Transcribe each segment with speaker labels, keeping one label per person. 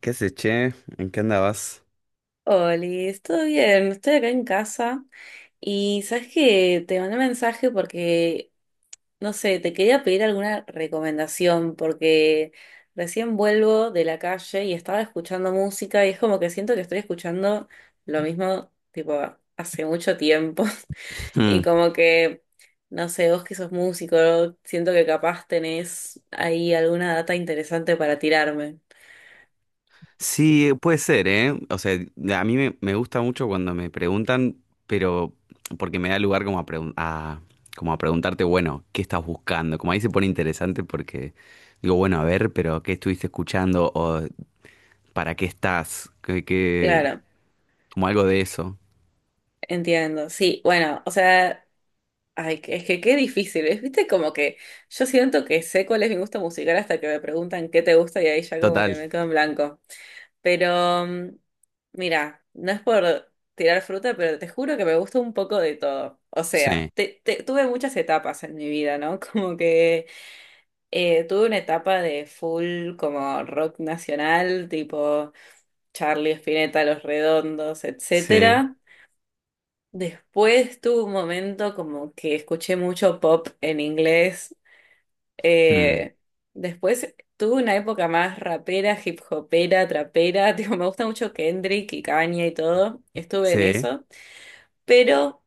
Speaker 1: ¿Qué se che? ¿En qué andabas?
Speaker 2: Oli, ¿todo bien? Estoy acá en casa y sabes que te mandé un mensaje porque, no sé, te quería pedir alguna recomendación porque recién vuelvo de la calle y estaba escuchando música y es como que siento que estoy escuchando lo mismo, tipo, hace mucho tiempo
Speaker 1: Hmm,
Speaker 2: y como que, no sé, vos que sos músico, siento que capaz tenés ahí alguna data interesante para tirarme.
Speaker 1: Sí, puede ser, ¿eh? O sea, a mí me gusta mucho cuando me preguntan, pero porque me da lugar como como a preguntarte, bueno, ¿qué estás buscando? Como ahí se pone interesante porque digo, bueno, a ver, pero ¿qué estuviste escuchando? ¿O para qué estás?
Speaker 2: Claro,
Speaker 1: Como algo de eso.
Speaker 2: entiendo. Sí, bueno, o sea. Ay, es que qué difícil, ¿ves? Viste como que yo siento que sé cuál es mi gusto musical hasta que me preguntan qué te gusta y ahí ya como que
Speaker 1: Total.
Speaker 2: me quedo en blanco. Pero mira, no es por tirar fruta, pero te juro que me gusta un poco de todo. O sea,
Speaker 1: Sí,
Speaker 2: tuve muchas etapas en mi vida, ¿no? Como que tuve una etapa de full como rock nacional, tipo Charlie Spinetta, Los Redondos,
Speaker 1: sí,
Speaker 2: etcétera. Después tuve un momento como que escuché mucho pop en inglés.
Speaker 1: hmm,
Speaker 2: eh, Después tuve una época más rapera, hip hopera, trapera. Tipo, me gusta mucho Kendrick y Kanye y todo. Estuve en
Speaker 1: sí,
Speaker 2: eso. Pero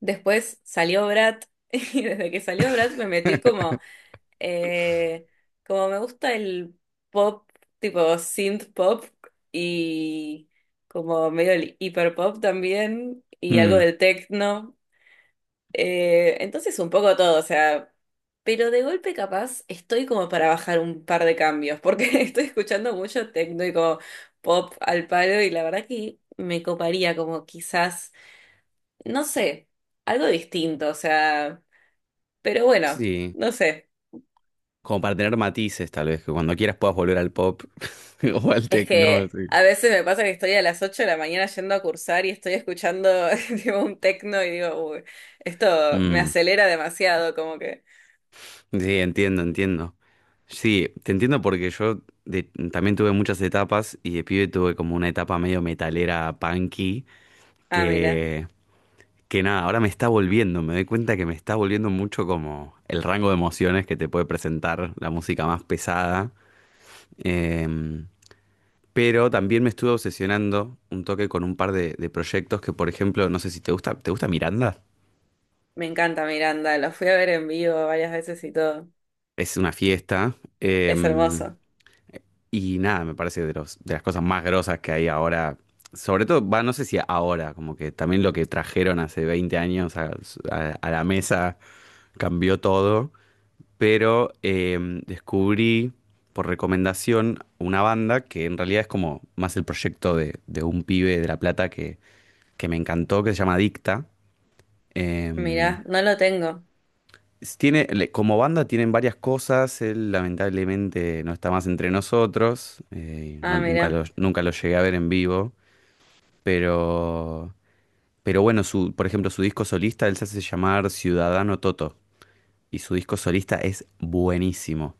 Speaker 2: después salió Brat. Y desde que salió Brat me metí como. eh, Como me gusta el pop, tipo synth pop y como medio el hiper pop también. Y algo
Speaker 1: hmm,
Speaker 2: del techno. Entonces un poco todo, o sea, pero de golpe capaz estoy como para bajar un par de cambios, porque estoy escuchando mucho techno y como pop al palo y la verdad que me coparía como quizás, no sé, algo distinto, o sea, pero bueno,
Speaker 1: sí.
Speaker 2: no sé.
Speaker 1: Como para tener matices, tal vez, que cuando quieras puedas volver al pop o al
Speaker 2: Es
Speaker 1: techno.
Speaker 2: que
Speaker 1: Así.
Speaker 2: a veces me pasa que estoy a las 8 de la mañana yendo a cursar y estoy escuchando tipo un techno y digo, uy, esto me
Speaker 1: Mm,
Speaker 2: acelera demasiado, como que,
Speaker 1: sí, entiendo, entiendo. Sí, te entiendo porque también tuve muchas etapas y de pibe tuve como una etapa medio metalera punky
Speaker 2: ah, mira.
Speaker 1: que, que nada, ahora me está volviendo, me doy cuenta que me está volviendo mucho como el rango de emociones que te puede presentar la música más pesada. Em, pero también me estuve obsesionando un toque con un par de proyectos que, por ejemplo, no sé si te gusta, ¿te gusta Miranda?
Speaker 2: Me encanta Miranda, lo fui a ver en vivo varias veces y todo.
Speaker 1: Es una fiesta.
Speaker 2: Es hermoso.
Speaker 1: Y nada, me parece de de las cosas más grosas que hay ahora. Sobre todo, va, no sé si ahora, como que también lo que trajeron hace 20 años a la mesa cambió todo. Pero descubrí por recomendación una banda que en realidad es como más el proyecto de un pibe de La Plata que me encantó, que se llama Dicta. Em,
Speaker 2: Mirá, no lo tengo.
Speaker 1: Tiene, como banda tienen varias cosas, él lamentablemente no está más entre nosotros,
Speaker 2: Ah,
Speaker 1: nunca
Speaker 2: mirá.
Speaker 1: nunca lo llegué a ver en vivo, pero, pero bueno, su, por ejemplo, su disco solista, él se hace llamar Ciudadano Toto, y su disco solista es buenísimo,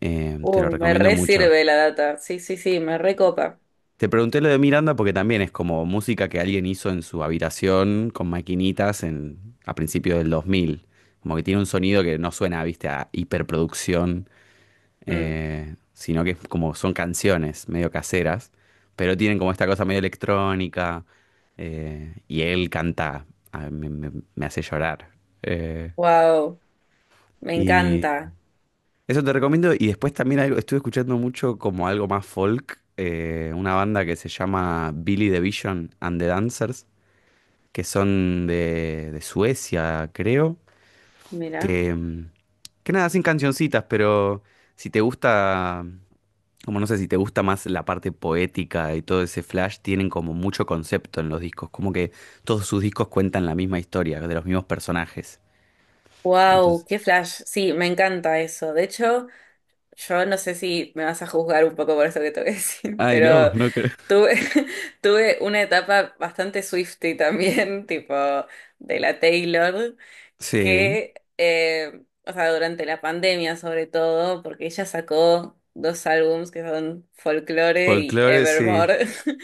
Speaker 1: te lo
Speaker 2: Uy, me
Speaker 1: recomiendo
Speaker 2: re
Speaker 1: mucho.
Speaker 2: sirve la data. Sí, sí, sí, me recopa.
Speaker 1: Te pregunté lo de Miranda porque también es como música que alguien hizo en su habitación con maquinitas a principios del 2000. Como que tiene un sonido que no suena, viste, a hiperproducción, sino que es como son canciones medio caseras, pero tienen como esta cosa medio electrónica, y él canta, ah, me hace llorar. Eh,
Speaker 2: Wow, me
Speaker 1: y
Speaker 2: encanta.
Speaker 1: eso te recomiendo y después también algo, estuve escuchando mucho como algo más folk, una banda que se llama Billy the Vision and the Dancers, que son de Suecia, creo,
Speaker 2: Mirá.
Speaker 1: que, que nada, hacen cancioncitas, pero si te gusta... Como no sé si te gusta más la parte poética y todo ese flash, tienen como mucho concepto en los discos, como que todos sus discos cuentan la misma historia, de los mismos personajes.
Speaker 2: Wow,
Speaker 1: Entonces,
Speaker 2: qué flash. Sí, me encanta eso. De hecho, yo no sé si me vas a juzgar un poco por eso que te voy a decir,
Speaker 1: ay, no,
Speaker 2: pero
Speaker 1: no creo.
Speaker 2: tuve, tuve una etapa bastante Swiftie también, tipo de la Taylor.
Speaker 1: Sí,
Speaker 2: Que, o sea, durante la pandemia sobre todo, porque ella sacó dos álbums que son Folklore y
Speaker 1: folclore, sí.
Speaker 2: Evermore.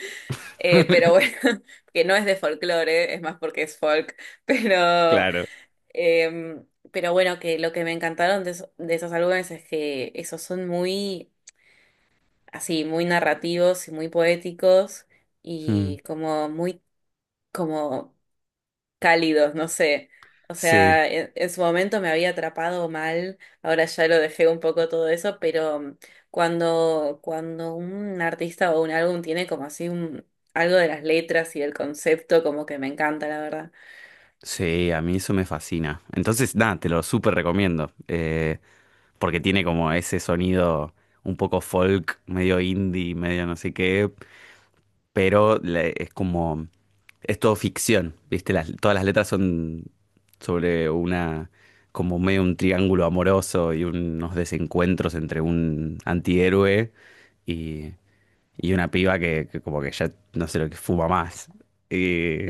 Speaker 2: Pero bueno, que no es de folklore, es más porque es folk, pero,
Speaker 1: Claro.
Speaker 2: eh, pero bueno, que lo que me encantaron de, de esos álbumes es que esos son muy, así, muy narrativos y muy poéticos
Speaker 1: Mm,
Speaker 2: y como muy, como cálidos, no sé. O
Speaker 1: sí,
Speaker 2: sea, en su momento me había atrapado mal, ahora ya lo dejé un poco todo eso, pero cuando un artista o un álbum tiene como así un, algo de las letras y del concepto, como que me encanta, la verdad.
Speaker 1: sí, a mí eso me fascina. Entonces, nada, te lo súper recomiendo, porque tiene como ese sonido un poco folk, medio indie, medio no sé qué, pero es como es todo ficción, ¿viste? Todas las letras son sobre como medio un triángulo amoroso y unos desencuentros entre un antihéroe y, y una piba que como que ya no sé lo que fuma más. Y...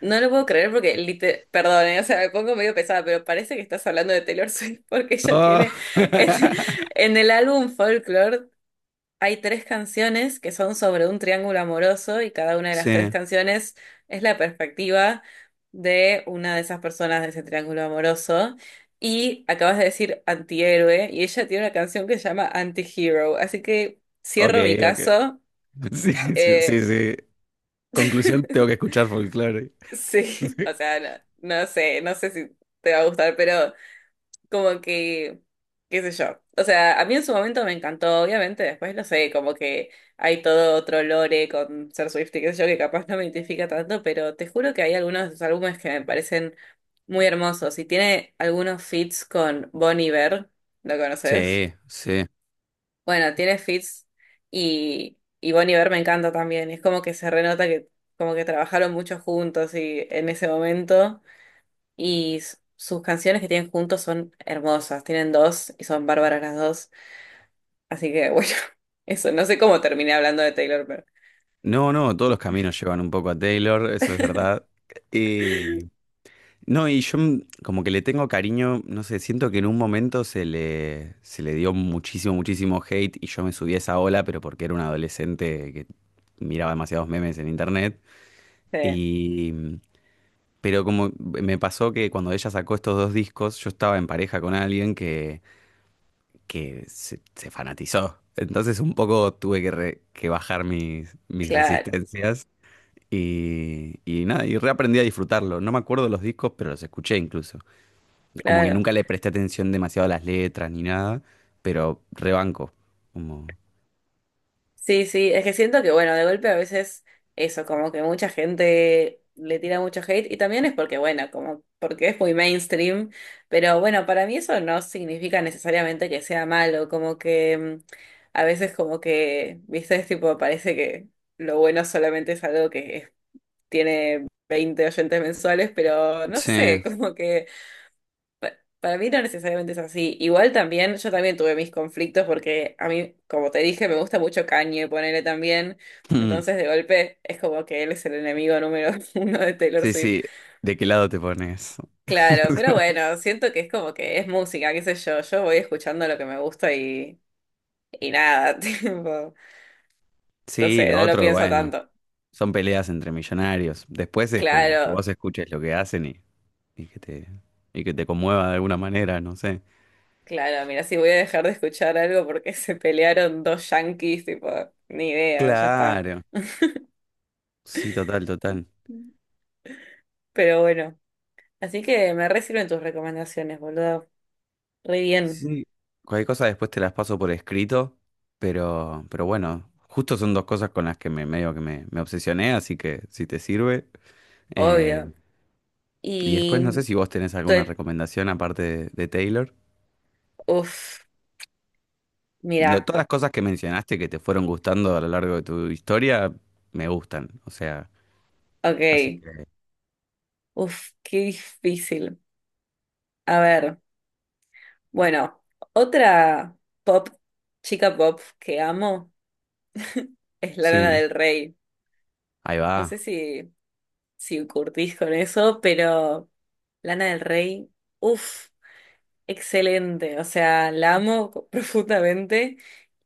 Speaker 2: No lo puedo creer porque, perdón, o sea, me pongo medio pesada, pero parece que estás hablando de Taylor Swift porque ella
Speaker 1: ¡Oh!
Speaker 2: tiene en, en el álbum Folklore. Hay tres canciones que son sobre un triángulo amoroso y cada una de las tres
Speaker 1: Sí,
Speaker 2: canciones es la perspectiva de una de esas personas de ese triángulo amoroso. Y acabas de decir antihéroe y ella tiene una canción que se llama Antihero. Así que
Speaker 1: ok,
Speaker 2: cierro mi caso.
Speaker 1: ok. Sí, sí,
Speaker 2: Eh,
Speaker 1: sí, sí. Conclusión, tengo que escuchar folclore.
Speaker 2: sí, o sea, no, no sé si te va a gustar, pero como que, qué sé yo. O sea, a mí en su momento me encantó, obviamente, después lo sé, como que hay todo otro lore con ser Swift y qué sé yo, que capaz no me identifica tanto, pero te juro que hay algunos de sus álbumes que me parecen muy hermosos. Y tiene algunos feats con Bon Iver, ¿lo conoces?
Speaker 1: Sí, sí. Sí.
Speaker 2: Bueno, tiene feats y Bon Iver me encanta también. Es como que se renota que como que trabajaron mucho juntos y en ese momento. Y sus canciones que tienen juntos son hermosas. Tienen dos y son bárbaras las dos. Así que bueno, eso. No sé cómo terminé hablando de Taylor, pero
Speaker 1: No, no, todos los caminos llevan un poco a Taylor, eso es verdad. Y no, y yo como que le tengo cariño, no sé, siento que en un momento se le dio muchísimo, muchísimo hate y yo me subí a esa ola, pero porque era un adolescente que miraba demasiados memes en internet.
Speaker 2: sí,
Speaker 1: Y, pero como me pasó que cuando ella sacó estos dos discos, yo estaba en pareja con alguien que se fanatizó. Entonces un poco tuve que bajar mis, mis
Speaker 2: claro,
Speaker 1: resistencias y nada, y reaprendí a disfrutarlo. No me acuerdo los discos, pero los escuché incluso. Como que
Speaker 2: claro.
Speaker 1: nunca le presté atención demasiado a las letras ni nada, pero rebanco. Como...
Speaker 2: Sí, sí, es que siento que bueno, de golpe a veces eso, como que mucha gente le tira mucho hate y también es porque bueno, como porque es muy mainstream, pero bueno, para mí eso no significa necesariamente que sea malo, como que a veces como que, viste, es tipo, parece que lo bueno solamente es algo que es tiene 20 oyentes mensuales, pero no
Speaker 1: Sí.
Speaker 2: sé, como que pa- para mí no necesariamente es así. Igual también, yo también tuve mis conflictos porque a mí, como te dije, me gusta mucho Kanye, ponele también.
Speaker 1: Mm.
Speaker 2: Entonces, de golpe, es como que él es el enemigo número uno de Taylor
Speaker 1: Sí,
Speaker 2: Swift.
Speaker 1: sí. ¿De qué lado te pones?
Speaker 2: Claro, pero bueno, siento que es como que es música, qué sé yo. Yo voy escuchando lo que me gusta y nada, tipo, no
Speaker 1: Sí,
Speaker 2: sé,
Speaker 1: lo
Speaker 2: no lo
Speaker 1: otro,
Speaker 2: pienso
Speaker 1: bueno,
Speaker 2: tanto.
Speaker 1: son peleas entre millonarios. Después es como que
Speaker 2: Claro.
Speaker 1: vos escuches lo que hacen y, y que te, y que te conmueva de alguna manera, no sé.
Speaker 2: Claro, mira, si voy a dejar de escuchar algo porque se pelearon dos yanquis, tipo, ni idea, ya está.
Speaker 1: Claro. Sí, total, total.
Speaker 2: Pero bueno, así que me re sirven tus recomendaciones, boludo. Re bien,
Speaker 1: Sí. Cualquier cosa después te las paso por escrito, pero bueno, justo son dos cosas con las que me medio que me obsesioné, así que si te sirve. Eh,
Speaker 2: obvio.
Speaker 1: y después
Speaker 2: Y,
Speaker 1: no sé si vos tenés alguna
Speaker 2: te-
Speaker 1: recomendación aparte de Taylor.
Speaker 2: uf,
Speaker 1: Lo-
Speaker 2: mira,
Speaker 1: todas las cosas que mencionaste que te fueron gustando a lo largo de tu historia me gustan. O sea, así
Speaker 2: ok,
Speaker 1: que
Speaker 2: uf, qué difícil. A ver, bueno, otra pop, chica pop que amo es Lana
Speaker 1: sí,
Speaker 2: del Rey.
Speaker 1: ahí
Speaker 2: No
Speaker 1: va.
Speaker 2: sé si curtís con eso, pero Lana del Rey, uf. Excelente, o sea, la amo profundamente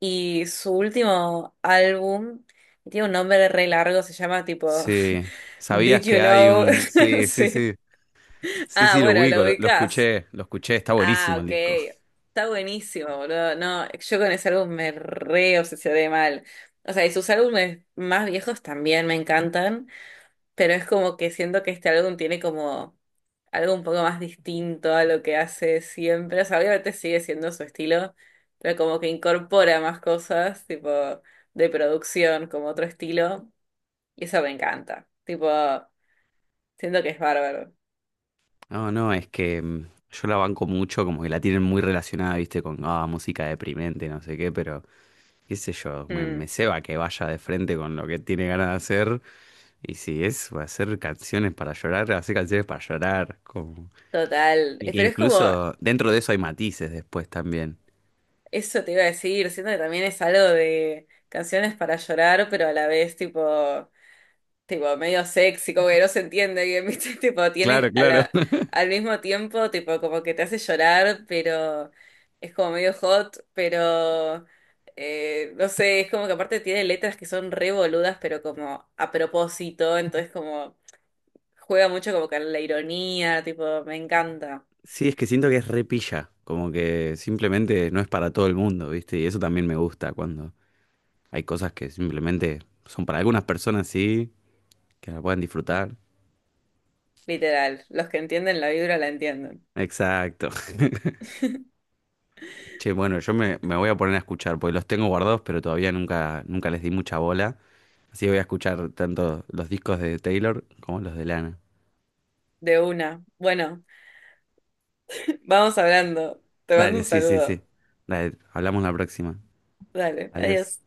Speaker 2: y su último álbum tiene un nombre re largo, se llama tipo
Speaker 1: Sí.
Speaker 2: Did
Speaker 1: ¿Sabías
Speaker 2: You
Speaker 1: que hay
Speaker 2: Know?
Speaker 1: un... Sí, sí,
Speaker 2: Sí.
Speaker 1: sí. Sí,
Speaker 2: Ah,
Speaker 1: sí, lo
Speaker 2: bueno, lo
Speaker 1: ubico,
Speaker 2: ubicás.
Speaker 1: lo escuché, está
Speaker 2: Ah,
Speaker 1: buenísimo el
Speaker 2: ok.
Speaker 1: disco.
Speaker 2: Está buenísimo, boludo. No, yo con ese álbum me re obsesioné mal. O sea, y sus álbumes más viejos también me encantan, pero es como que siento que este álbum tiene como algo un poco más distinto a lo que hace siempre. O sea, obviamente sigue siendo su estilo, pero como que incorpora más cosas, tipo, de producción, como otro estilo, y eso me encanta. Tipo, siento que es bárbaro.
Speaker 1: No, no, es que yo la banco mucho, como que la tienen muy relacionada, viste, con ah, música deprimente, no sé qué, pero qué sé yo, me
Speaker 2: Mm,
Speaker 1: ceba que vaya de frente con lo que tiene ganas de hacer. Y si es para hacer canciones para llorar, hacer canciones para llorar. Como...
Speaker 2: total.
Speaker 1: Y que
Speaker 2: Pero es como,
Speaker 1: incluso dentro de eso hay matices después también.
Speaker 2: eso te iba a decir, siento que también es algo de canciones para llorar, pero a la vez, tipo, tipo, medio sexy, como que no se entiende bien, ¿viste? Tipo,
Speaker 1: Claro,
Speaker 2: tiene a
Speaker 1: claro.
Speaker 2: al mismo tiempo, tipo, como que te hace llorar, pero es como medio hot, pero no sé, es como que aparte tiene letras que son re boludas, pero como a propósito, entonces como juega mucho como con la ironía, tipo, me encanta,
Speaker 1: Sí, es que siento que es repilla, como que simplemente no es para todo el mundo, ¿viste? Y eso también me gusta cuando hay cosas que simplemente son para algunas personas, sí, que la puedan disfrutar.
Speaker 2: literal. Los que entienden la vibra la entienden.
Speaker 1: Exacto. Che, bueno, me voy a poner a escuchar, porque los tengo guardados, pero todavía nunca, nunca les di mucha bola. Así que voy a escuchar tanto los discos de Taylor como los de Lana.
Speaker 2: De una. Bueno, vamos hablando. Te mando
Speaker 1: Dale,
Speaker 2: un
Speaker 1: sí, sí,
Speaker 2: saludo.
Speaker 1: sí. Dale, hablamos la próxima.
Speaker 2: Dale,
Speaker 1: Adiós.
Speaker 2: adiós.